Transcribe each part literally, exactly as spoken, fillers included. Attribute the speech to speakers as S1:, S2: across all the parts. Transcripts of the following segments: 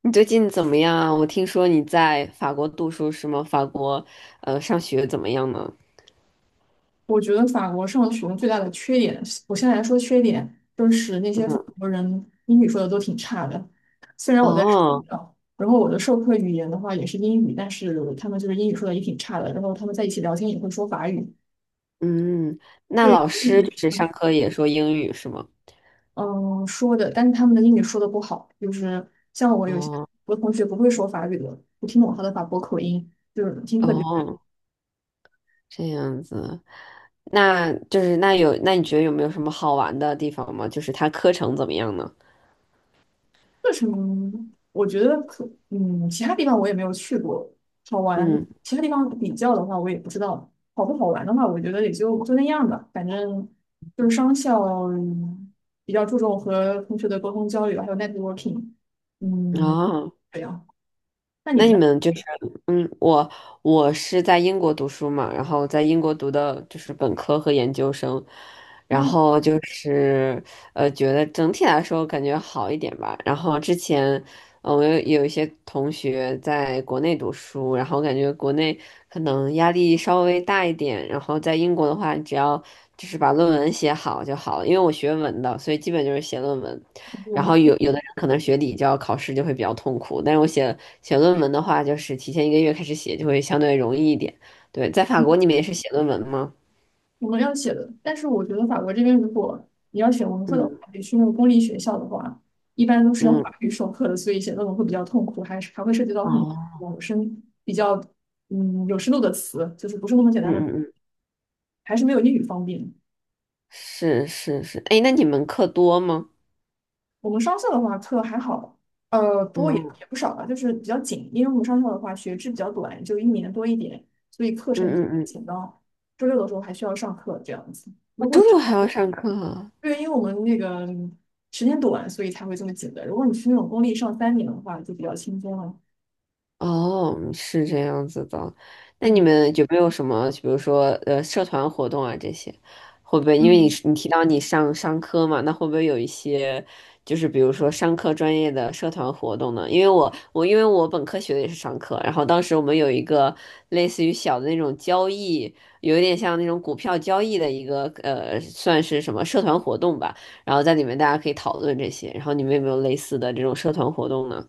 S1: 你最近怎么样啊？我听说你在法国读书是吗？法国，呃，上学怎么样呢？
S2: 我觉得法国上学最大的缺点，我先来说缺点，就是那些法
S1: 嗯。
S2: 国人英语说的都挺差的。虽然我在
S1: 哦。
S2: 啊，然后我的授课语言的话也是英语，但是他们就是英语说的也挺差的。然后他们在一起聊天也会说法语。
S1: 嗯。那老
S2: 对，一
S1: 师
S2: 学
S1: 就
S2: 期
S1: 是上课也说英语是吗？
S2: 嗯说的，但是他们的英语说的不好，就是像我有些
S1: 哦。
S2: 我同学不会说法语的，我听不懂他的法国口音，就是听特别。
S1: 哦，这样子。那就是那有，那你觉得有没有什么好玩的地方吗？就是它课程怎么样呢？
S2: 课程我觉得可，嗯，其他地方我也没有去过，好玩。
S1: 嗯。
S2: 其他地方比较的话，我也不知道好不好玩的话，我觉得也就就那样吧。反正就是商校，嗯比较注重和同学的沟通交流，还有 networking。嗯，
S1: 哦。
S2: 这样。那你
S1: 那
S2: 们
S1: 你
S2: 呢？
S1: 们就是，嗯，我我是在英国读书嘛，然后在英国读的就是本科和研究生，然
S2: 啊，
S1: 后就是呃，觉得整体来说感觉好一点吧。然后之前，呃，我有有一些同学在国内读书，然后感觉国内可能压力稍微大一点，然后在英国的话，只要就是把论文写好就好了，因为我学文的，所以基本就是写论文。然后有
S2: 我
S1: 有的人可能学理教考试就会比较痛苦，但是我写写论文的话，就是提前一个月开始写就会相对容易一点。对，在法国你们也是写论文吗？
S2: 我们要写的，但是我觉得法国这边，如果你要选文科的话，
S1: 嗯
S2: 也去那种公立学校的话，一般都是要
S1: 嗯。
S2: 法语授课的，所以写论文会比较痛苦，还是还会涉及到很
S1: 哦。
S2: 多有深比较嗯有深度的词，就是不是那么简
S1: 嗯
S2: 单的，
S1: 嗯嗯。
S2: 还是没有英语方便。
S1: 是是是。哎，那你们课多吗？
S2: 我们商校的话课还好。呃，不过也
S1: 嗯
S2: 也不少吧，就是比较紧，因为我们商校的话学制比较短，就一年多一点，所以课
S1: 嗯
S2: 程
S1: 嗯嗯。
S2: 紧到周六的时候还需要上课这样子。
S1: 我
S2: 如果
S1: 周六还
S2: 你
S1: 要上课。
S2: 对，因为我们那个时间短，所以才会这么紧的。如果你是那种公立上三年的话，就比较轻松了。
S1: 哦，是这样子的。那你
S2: 嗯
S1: 们有没有什么，比如说呃，社团活动啊这些，会不会因为你
S2: 嗯
S1: 你提到你上商科嘛，那会不会有一些就是比如说商科专业的社团活动呢？因为我我因为我本科学的也是商科，然后当时我们有一个类似于小的那种交易，有一点像那种股票交易的一个呃，算是什么社团活动吧。然后在里面大家可以讨论这些，然后你们有没有类似的这种社团活动呢？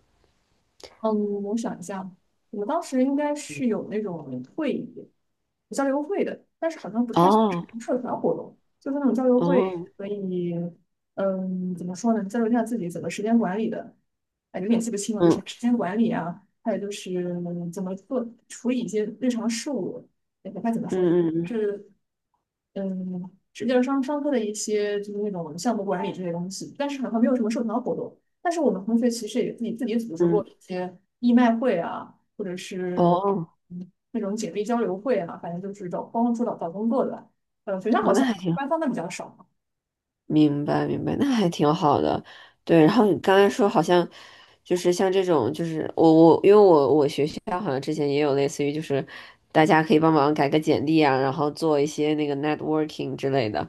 S2: 嗯，我想一下，我们当时应该是有那种会议，交流会的，但是好像不太算
S1: 哦。
S2: 是社团活动，就是那种交流会。
S1: 哦。
S2: 所以，嗯，怎么说呢，交流一下自己怎么时间管理的。哎，有点记不清了，什
S1: 嗯
S2: 么时间管理啊，还有就是怎么做处理一些日常事务。哎，不太怎么说，
S1: 嗯嗯
S2: 是嗯，就际是上上课的一些就是那种项目管理这些东西，但是好像没有什么社团活动。但是我们同学其实也自己自己组织
S1: 嗯。
S2: 过
S1: 嗯。
S2: 一些义卖会啊，或者是
S1: 哦。
S2: 嗯那种简历交流会啊，反正就是找帮助找找工作的。呃，学校好
S1: 哦那
S2: 像
S1: 还挺，
S2: 官方的比较少。
S1: 明白明白，那还挺好的。对，然后你刚才说好像就是像这种，就是我我因为我我学校好像之前也有类似于就是大家可以帮忙改个简历啊，然后做一些那个 networking 之类的。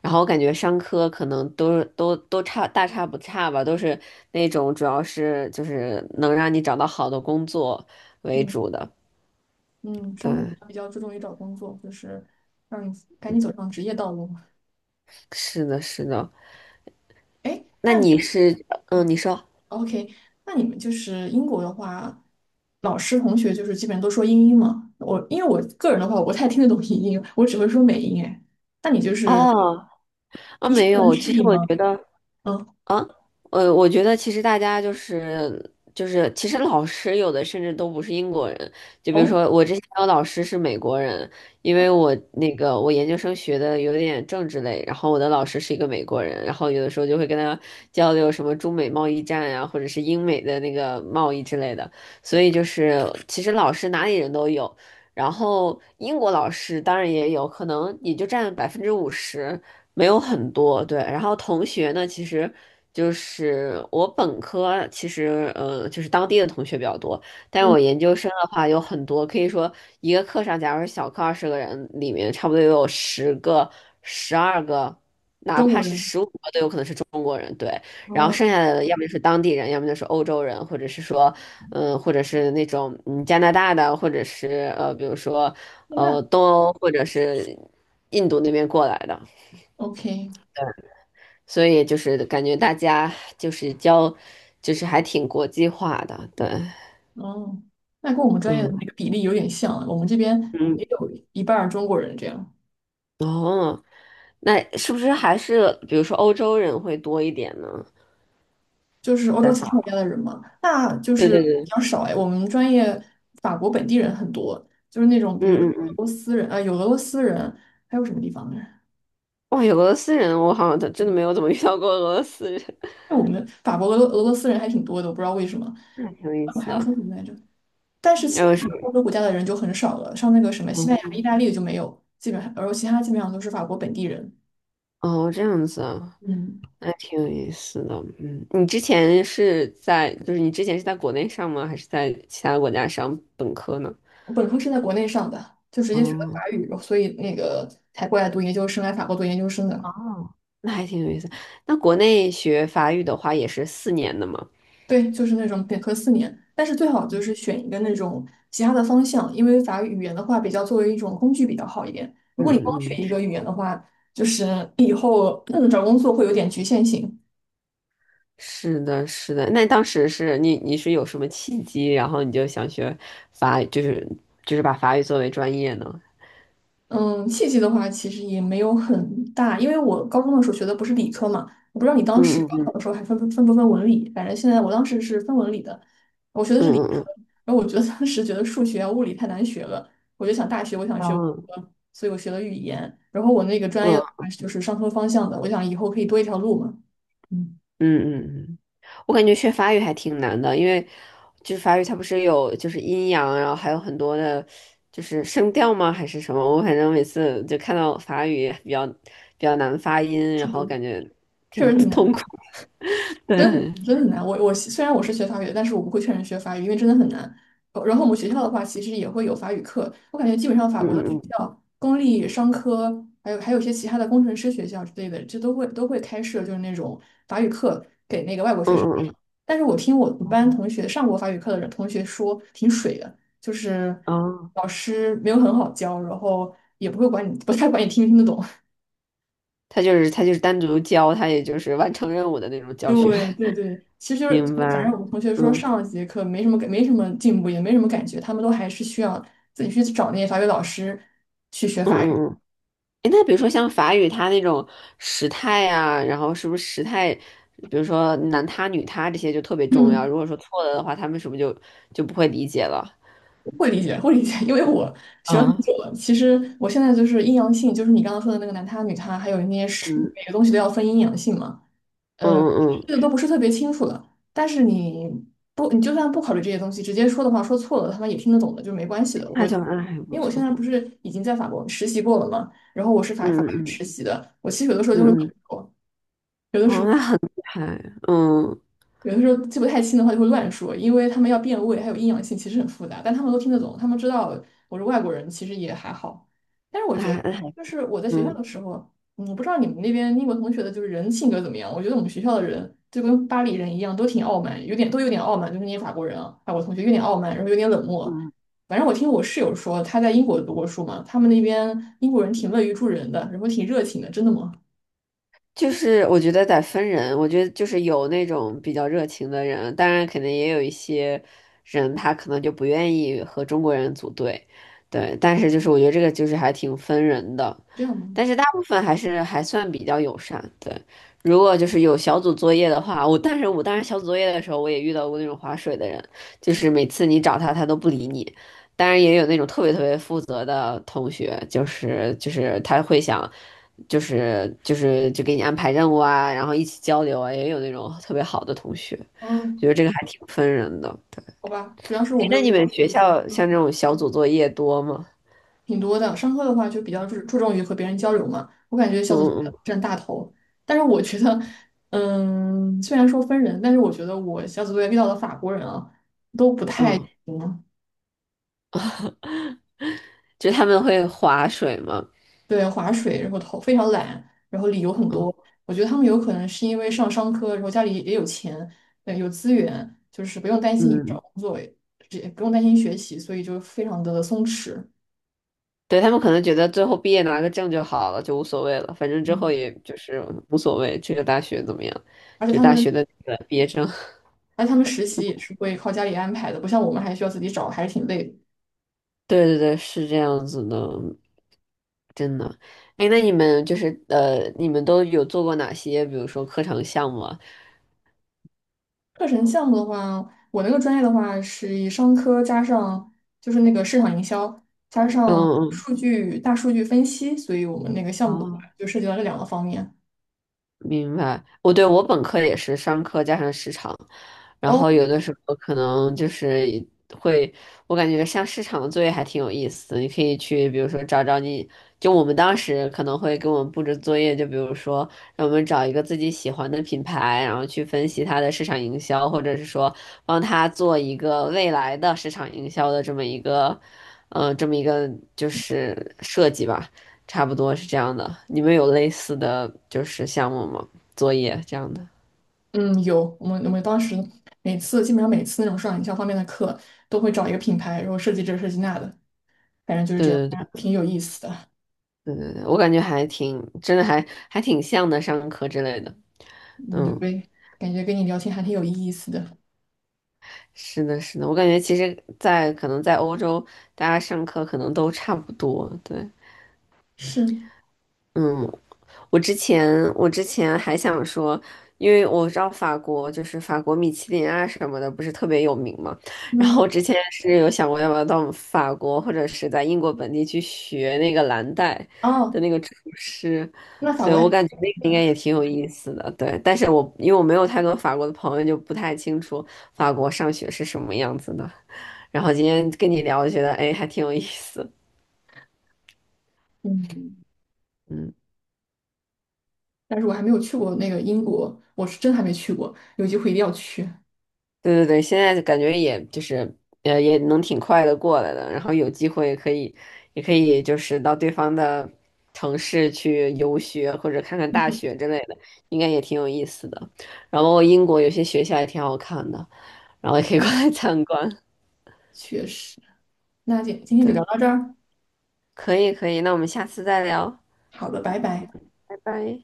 S1: 然后我感觉商科可能都都都差大差不差吧，都是那种主要是就是能让你找到好的工作为
S2: 嗯
S1: 主的。
S2: 嗯，上课
S1: 对，
S2: 比较注重于找工作，就是让你赶紧走上职业道路。
S1: 是的，是的。
S2: 哎
S1: 那你是嗯，你说。
S2: ，OK,那你们就是英国的话。老师同学就是基本上都说英音嘛。我因为我个人的话，我不太听得懂 英音，我只会说美音。哎，那你就是
S1: 哦。啊，
S2: 医学
S1: 没
S2: 能
S1: 有，
S2: 适
S1: 其实
S2: 应
S1: 我
S2: 吗？
S1: 觉得
S2: 嗯，
S1: 啊，呃，我觉得其实大家就是就是，其实老师有的甚至都不是英国人，就比如
S2: 哦，
S1: 说我之前有老师是美国人，因为我那个我研究生学的有点政治类，然后我的老师是一个美国人，然后有的时候就会跟他交流什么中美贸易战呀、或者是英美的那个贸易之类的，所以就是其实老师哪里人都有。然后英国老师当然也有可能也就占百分之五十，没有很多，对。然后同学呢，其实就是我本科，其实呃，就是当地的同学比较多，但是
S2: 嗯，
S1: 我研究生的话有很多，可以说一个课上，假如是小课二十个人，里面差不多也有十个、十二个，哪
S2: 中
S1: 怕
S2: 国
S1: 是
S2: 人。
S1: 十五个都有可能是中国人，对。然后
S2: 哦，
S1: 剩下的要么就是当地人，要么就是欧洲人，或者是说，嗯、或者是那种嗯加拿大的，或者是呃，比如说
S2: 现在
S1: 呃东欧或者是印度那边过来的。
S2: OK。
S1: 所以就是感觉大家就是教，就是还挺国际化的。对。
S2: 哦，那跟我们专业
S1: 嗯。
S2: 的那个比例有点像。我们这边
S1: 嗯。
S2: 也有一半儿中国人这样，
S1: 哦，那是不是还是比如说欧洲人会多一点呢？
S2: 就是欧洲
S1: 在
S2: 其
S1: 法
S2: 他国
S1: 国
S2: 家的人嘛，那就
S1: 对
S2: 是
S1: 对
S2: 比
S1: 对。
S2: 较少哎。我们专业法国本地人很多，就是那种比如
S1: 嗯
S2: 说
S1: 嗯
S2: 俄
S1: 嗯。
S2: 罗斯人啊、有俄罗斯人，还有什么地方的人？
S1: 哇，有俄罗斯人，我好像真的没有怎么遇到过俄罗斯人。
S2: 我们法国、俄罗俄罗斯人还挺多的，我不知道为什么。
S1: 那挺有意
S2: 我
S1: 思
S2: 还要说什
S1: 的。
S2: 么来着？但是其他
S1: 还是，
S2: 欧洲国家的人就很少了，像那个什么西班牙、意
S1: 哦
S2: 大利就没有，基本上，而其他基本上都是法国本地人。
S1: 哦，这样子啊。
S2: 嗯，
S1: 那挺有意思的。嗯，你之前是在，就是你之前是在国内上吗？还是在其他国家上本科呢？
S2: 我本科是在国内上的，就直接学的
S1: 哦。
S2: 法语，所以那个才过来读研究生，来法国读研究生的。
S1: 哦，那还挺有意思。那国内学法语的话也是四年的嘛？
S2: 对，就是那种本科四年，但是最好就是选一个那种其他的方向，因为法语语言的话，比较作为一种工具比较好一点。如
S1: 嗯
S2: 果你光学
S1: 嗯嗯。
S2: 一个语言的话，就是你以后，嗯找工作会有点局限性。
S1: 是的，是的。那当时是你你是有什么契机，然后你就想学法语，就是就是把法语作为专业呢？
S2: 嗯，契机的话其实也没有很大，因为我高中的时候学的不是理科嘛，我不知道你当时
S1: 嗯
S2: 高考
S1: 嗯
S2: 的时候还分不分不分文理，反正现在我当时是分文理的，我学的
S1: 嗯
S2: 是理
S1: 嗯
S2: 科，
S1: 嗯
S2: 然后我觉得当时觉得数学啊、物理太难学了，我就想大学我想学文
S1: 嗯。嗯
S2: 科，所以我学了语言，然后我那个专业的
S1: 嗯
S2: 话就是商科方向的，我想以后可以多一条路嘛。嗯，
S1: 嗯嗯嗯。我感觉学法语还挺难的，因为就是法语它不是有就是阴阳，然后还有很多的，就是声调吗？还是什么？我反正每次就看到法语比较比较难发音，然
S2: 是
S1: 后
S2: 读，
S1: 感觉
S2: 确实
S1: 挺
S2: 挺难
S1: 痛
S2: 的。
S1: 苦的。对。
S2: 真的
S1: 嗯
S2: 很真的很难。我我虽然我是学法语的，但是我不会劝人学法语，因为真的很难。呃然后我们学校的话，其实也会有法语课。我感觉基本上法国的学
S1: 嗯
S2: 校，公立商科，还有还有一些其他的工程师学校之类的，这都会都会开设就是那种法语课给那个外国学
S1: 嗯
S2: 生
S1: 嗯
S2: 上。
S1: 嗯
S2: 但是我听我们班同学上过法语课的人同学说，挺水的，就是
S1: 嗯。哦，
S2: 老师没有很好教，然后也不会管你，不太管你听不听得懂。
S1: 他就是他就是单独教，他也就是完成任务的那种教学。
S2: 对对对，其实就是
S1: 明白。
S2: 反正我们同学说
S1: 嗯
S2: 上了几节课没什么感，没什么进步，也没什么感觉，他们都还是需要自己去找那些法语老师去学
S1: 嗯
S2: 法语。
S1: 嗯嗯。诶那比如说像法语，它那种时态呀，然后是不是时态，比如说男他、女他这些就特别重要。
S2: 嗯，
S1: 如果说错了的话，他们是不是就就不会理解了？
S2: 会理解，会理解，因为我学了很
S1: 嗯。
S2: 久了。其实我现在就是阴阳性，就是你刚刚说的那个男他女他，还有那些是
S1: 嗯
S2: 每个东西都要分阴阳性嘛。
S1: 嗯
S2: 呃，
S1: 嗯。嗯
S2: 这个都不是特别清楚的。但是你不，你就算不考虑这些东西，直接说的话，说错了，他们也听得懂的，就没关系的。
S1: 那
S2: 我
S1: 就那还不
S2: 因为我现
S1: 错。
S2: 在不是已经在法国实习过了嘛，然后我是
S1: 嗯
S2: 法法语实
S1: 嗯
S2: 习的，我其实有的时候就会。有的
S1: 嗯
S2: 时
S1: 嗯。
S2: 候。
S1: 哦，那很厉害。嗯。
S2: 有的时候记不太清的话就会乱说，因为他们要变位，还有阴阳性，其实很复杂，但他们都听得懂，他们知道我是外国人，其实也还好。但是我
S1: 那
S2: 觉
S1: 还
S2: 得，
S1: 那还
S2: 就是我在学校的
S1: 嗯
S2: 时候，嗯我不知道你们那边英国同学的就是人性格怎么样。我觉得我们学校的人就跟巴黎人一样，都挺傲慢，有点都有点傲慢，就是那些法国人啊，法国同学有点傲慢，然后有点冷漠。
S1: 嗯。
S2: 反正我听我室友说，他在英国读过书嘛，他们那边英国人挺乐于助人的，然后挺热情的，真的吗？
S1: 就是我觉得得分人，我觉得就是有那种比较热情的人，当然可能也有一些人他可能就不愿意和中国人组队，对，但是就是我觉得这个就是还挺分人的，
S2: 这样吗？
S1: 但是大部分还是还算比较友善，对。如果就是有小组作业的话，我但是我当时小组作业的时候，我也遇到过那种划水的人，就是每次你找他，他都不理你。当然也有那种特别特别负责的同学，就是就是他会想，就是就是就给你安排任务啊，然后一起交流啊，也有那种特别好的同学，觉
S2: 嗯，
S1: 得这个还挺分人的。
S2: 好吧，主要是我
S1: 哎，
S2: 没
S1: 那
S2: 有
S1: 你
S2: 遇
S1: 们
S2: 到。
S1: 学校像
S2: 嗯
S1: 这种小组作业多吗？
S2: 挺多的。上课的话就比较注注重于和别人交流嘛，我感觉小
S1: 嗯
S2: 组作业
S1: 嗯
S2: 占大头。但是我觉得，嗯，虽然说分人，但是我觉得我小组作业遇到的法国人啊，
S1: 嗯。
S2: 嗯，
S1: 就是他们会划水吗？
S2: 对，划水，然后头非常懒，然后理由很
S1: 嗯
S2: 多。我觉得他们有可能是因为上商科，然后家里也有钱，对，有资源，就是不用担心以后找
S1: 嗯。
S2: 工作，也不用担心学习，所以就非常的松弛。
S1: 对，他们可能觉得最后毕业拿个证就好了，就无所谓了，反正之后
S2: 嗯，
S1: 也就是无所谓这个大学怎么样，
S2: 而且
S1: 就
S2: 他
S1: 大
S2: 们，
S1: 学的那个毕业证。
S2: 而且他们实习也是会靠家里安排的，不像我们还需要自己找，还是挺累的。
S1: 对对对，是这样子的，真的。哎，那你们就是呃，你们都有做过哪些，比如说课程项目啊？
S2: 课程项目的话，我那个专业的话是以商科加上就是那个市场营销加
S1: 嗯
S2: 上
S1: 嗯。
S2: 数据大数据分析，所以我们那个项目的话
S1: 哦，
S2: 就涉及到这两个方面。
S1: 明白，我对我本科也是商科加上市场，然后
S2: 哦，
S1: 有的时候可能就是会，我感觉像市场的作业还挺有意思的，你可以去比如说找找你，就我们当时可能会给我们布置作业，就比如说让我们找一个自己喜欢的品牌，然后去分析它的市场营销，或者是说帮他做一个未来的市场营销的这么一个，呃，这么一个就是设计吧。差不多是这样的。你们有类似的就是项目吗？作业这样的？
S2: 嗯，有我们我们当时每次基本上每次那种市场营销方面的课都会找一个品牌，然后设计这设计那的，反正就是这样，
S1: 对对
S2: 挺有意思的。
S1: 对对对对，我感觉还挺，真的还还挺像的，上课之类的。
S2: 嗯，
S1: 嗯，
S2: 对，感觉跟你聊天还挺有意思的。
S1: 是的，是的，我感觉其实在，可能在欧洲，大家上课可能都差不多。对。
S2: 是，
S1: 嗯。我之前我之前还想说，因为我知道法国就是法国米其林啊什么的，不是特别有名嘛。然后
S2: 嗯，
S1: 我之前是有想过要不要到法国或者是在英国本地去学那个蓝带的
S2: 哦，
S1: 那个厨师，
S2: 那法
S1: 所以
S2: 国
S1: 我
S2: 还
S1: 感觉那个应该也挺有意思的。对，但是我因为我没有太多法国的朋友，就不太清楚法国上学是什么样子的。然后今天跟你聊，觉得哎还挺有意思。
S2: 嗯。
S1: 嗯。
S2: 但是我还没有去过那个英国，我是真还没去过，有机会一定要去。
S1: 对对对，现在感觉也就是呃也能挺快的过来的，然后有机会可以也可以就是到对方的城市去游学或者看看大学之类的，应该也挺有意思的。然后英国有些学校也挺好看的，然后也可以过
S2: 嗯
S1: 来参观。
S2: 确实，那今今天
S1: 对，
S2: 就聊到这儿，
S1: 可以可以，那我们下次再聊，
S2: 好的，拜拜。
S1: 拜拜。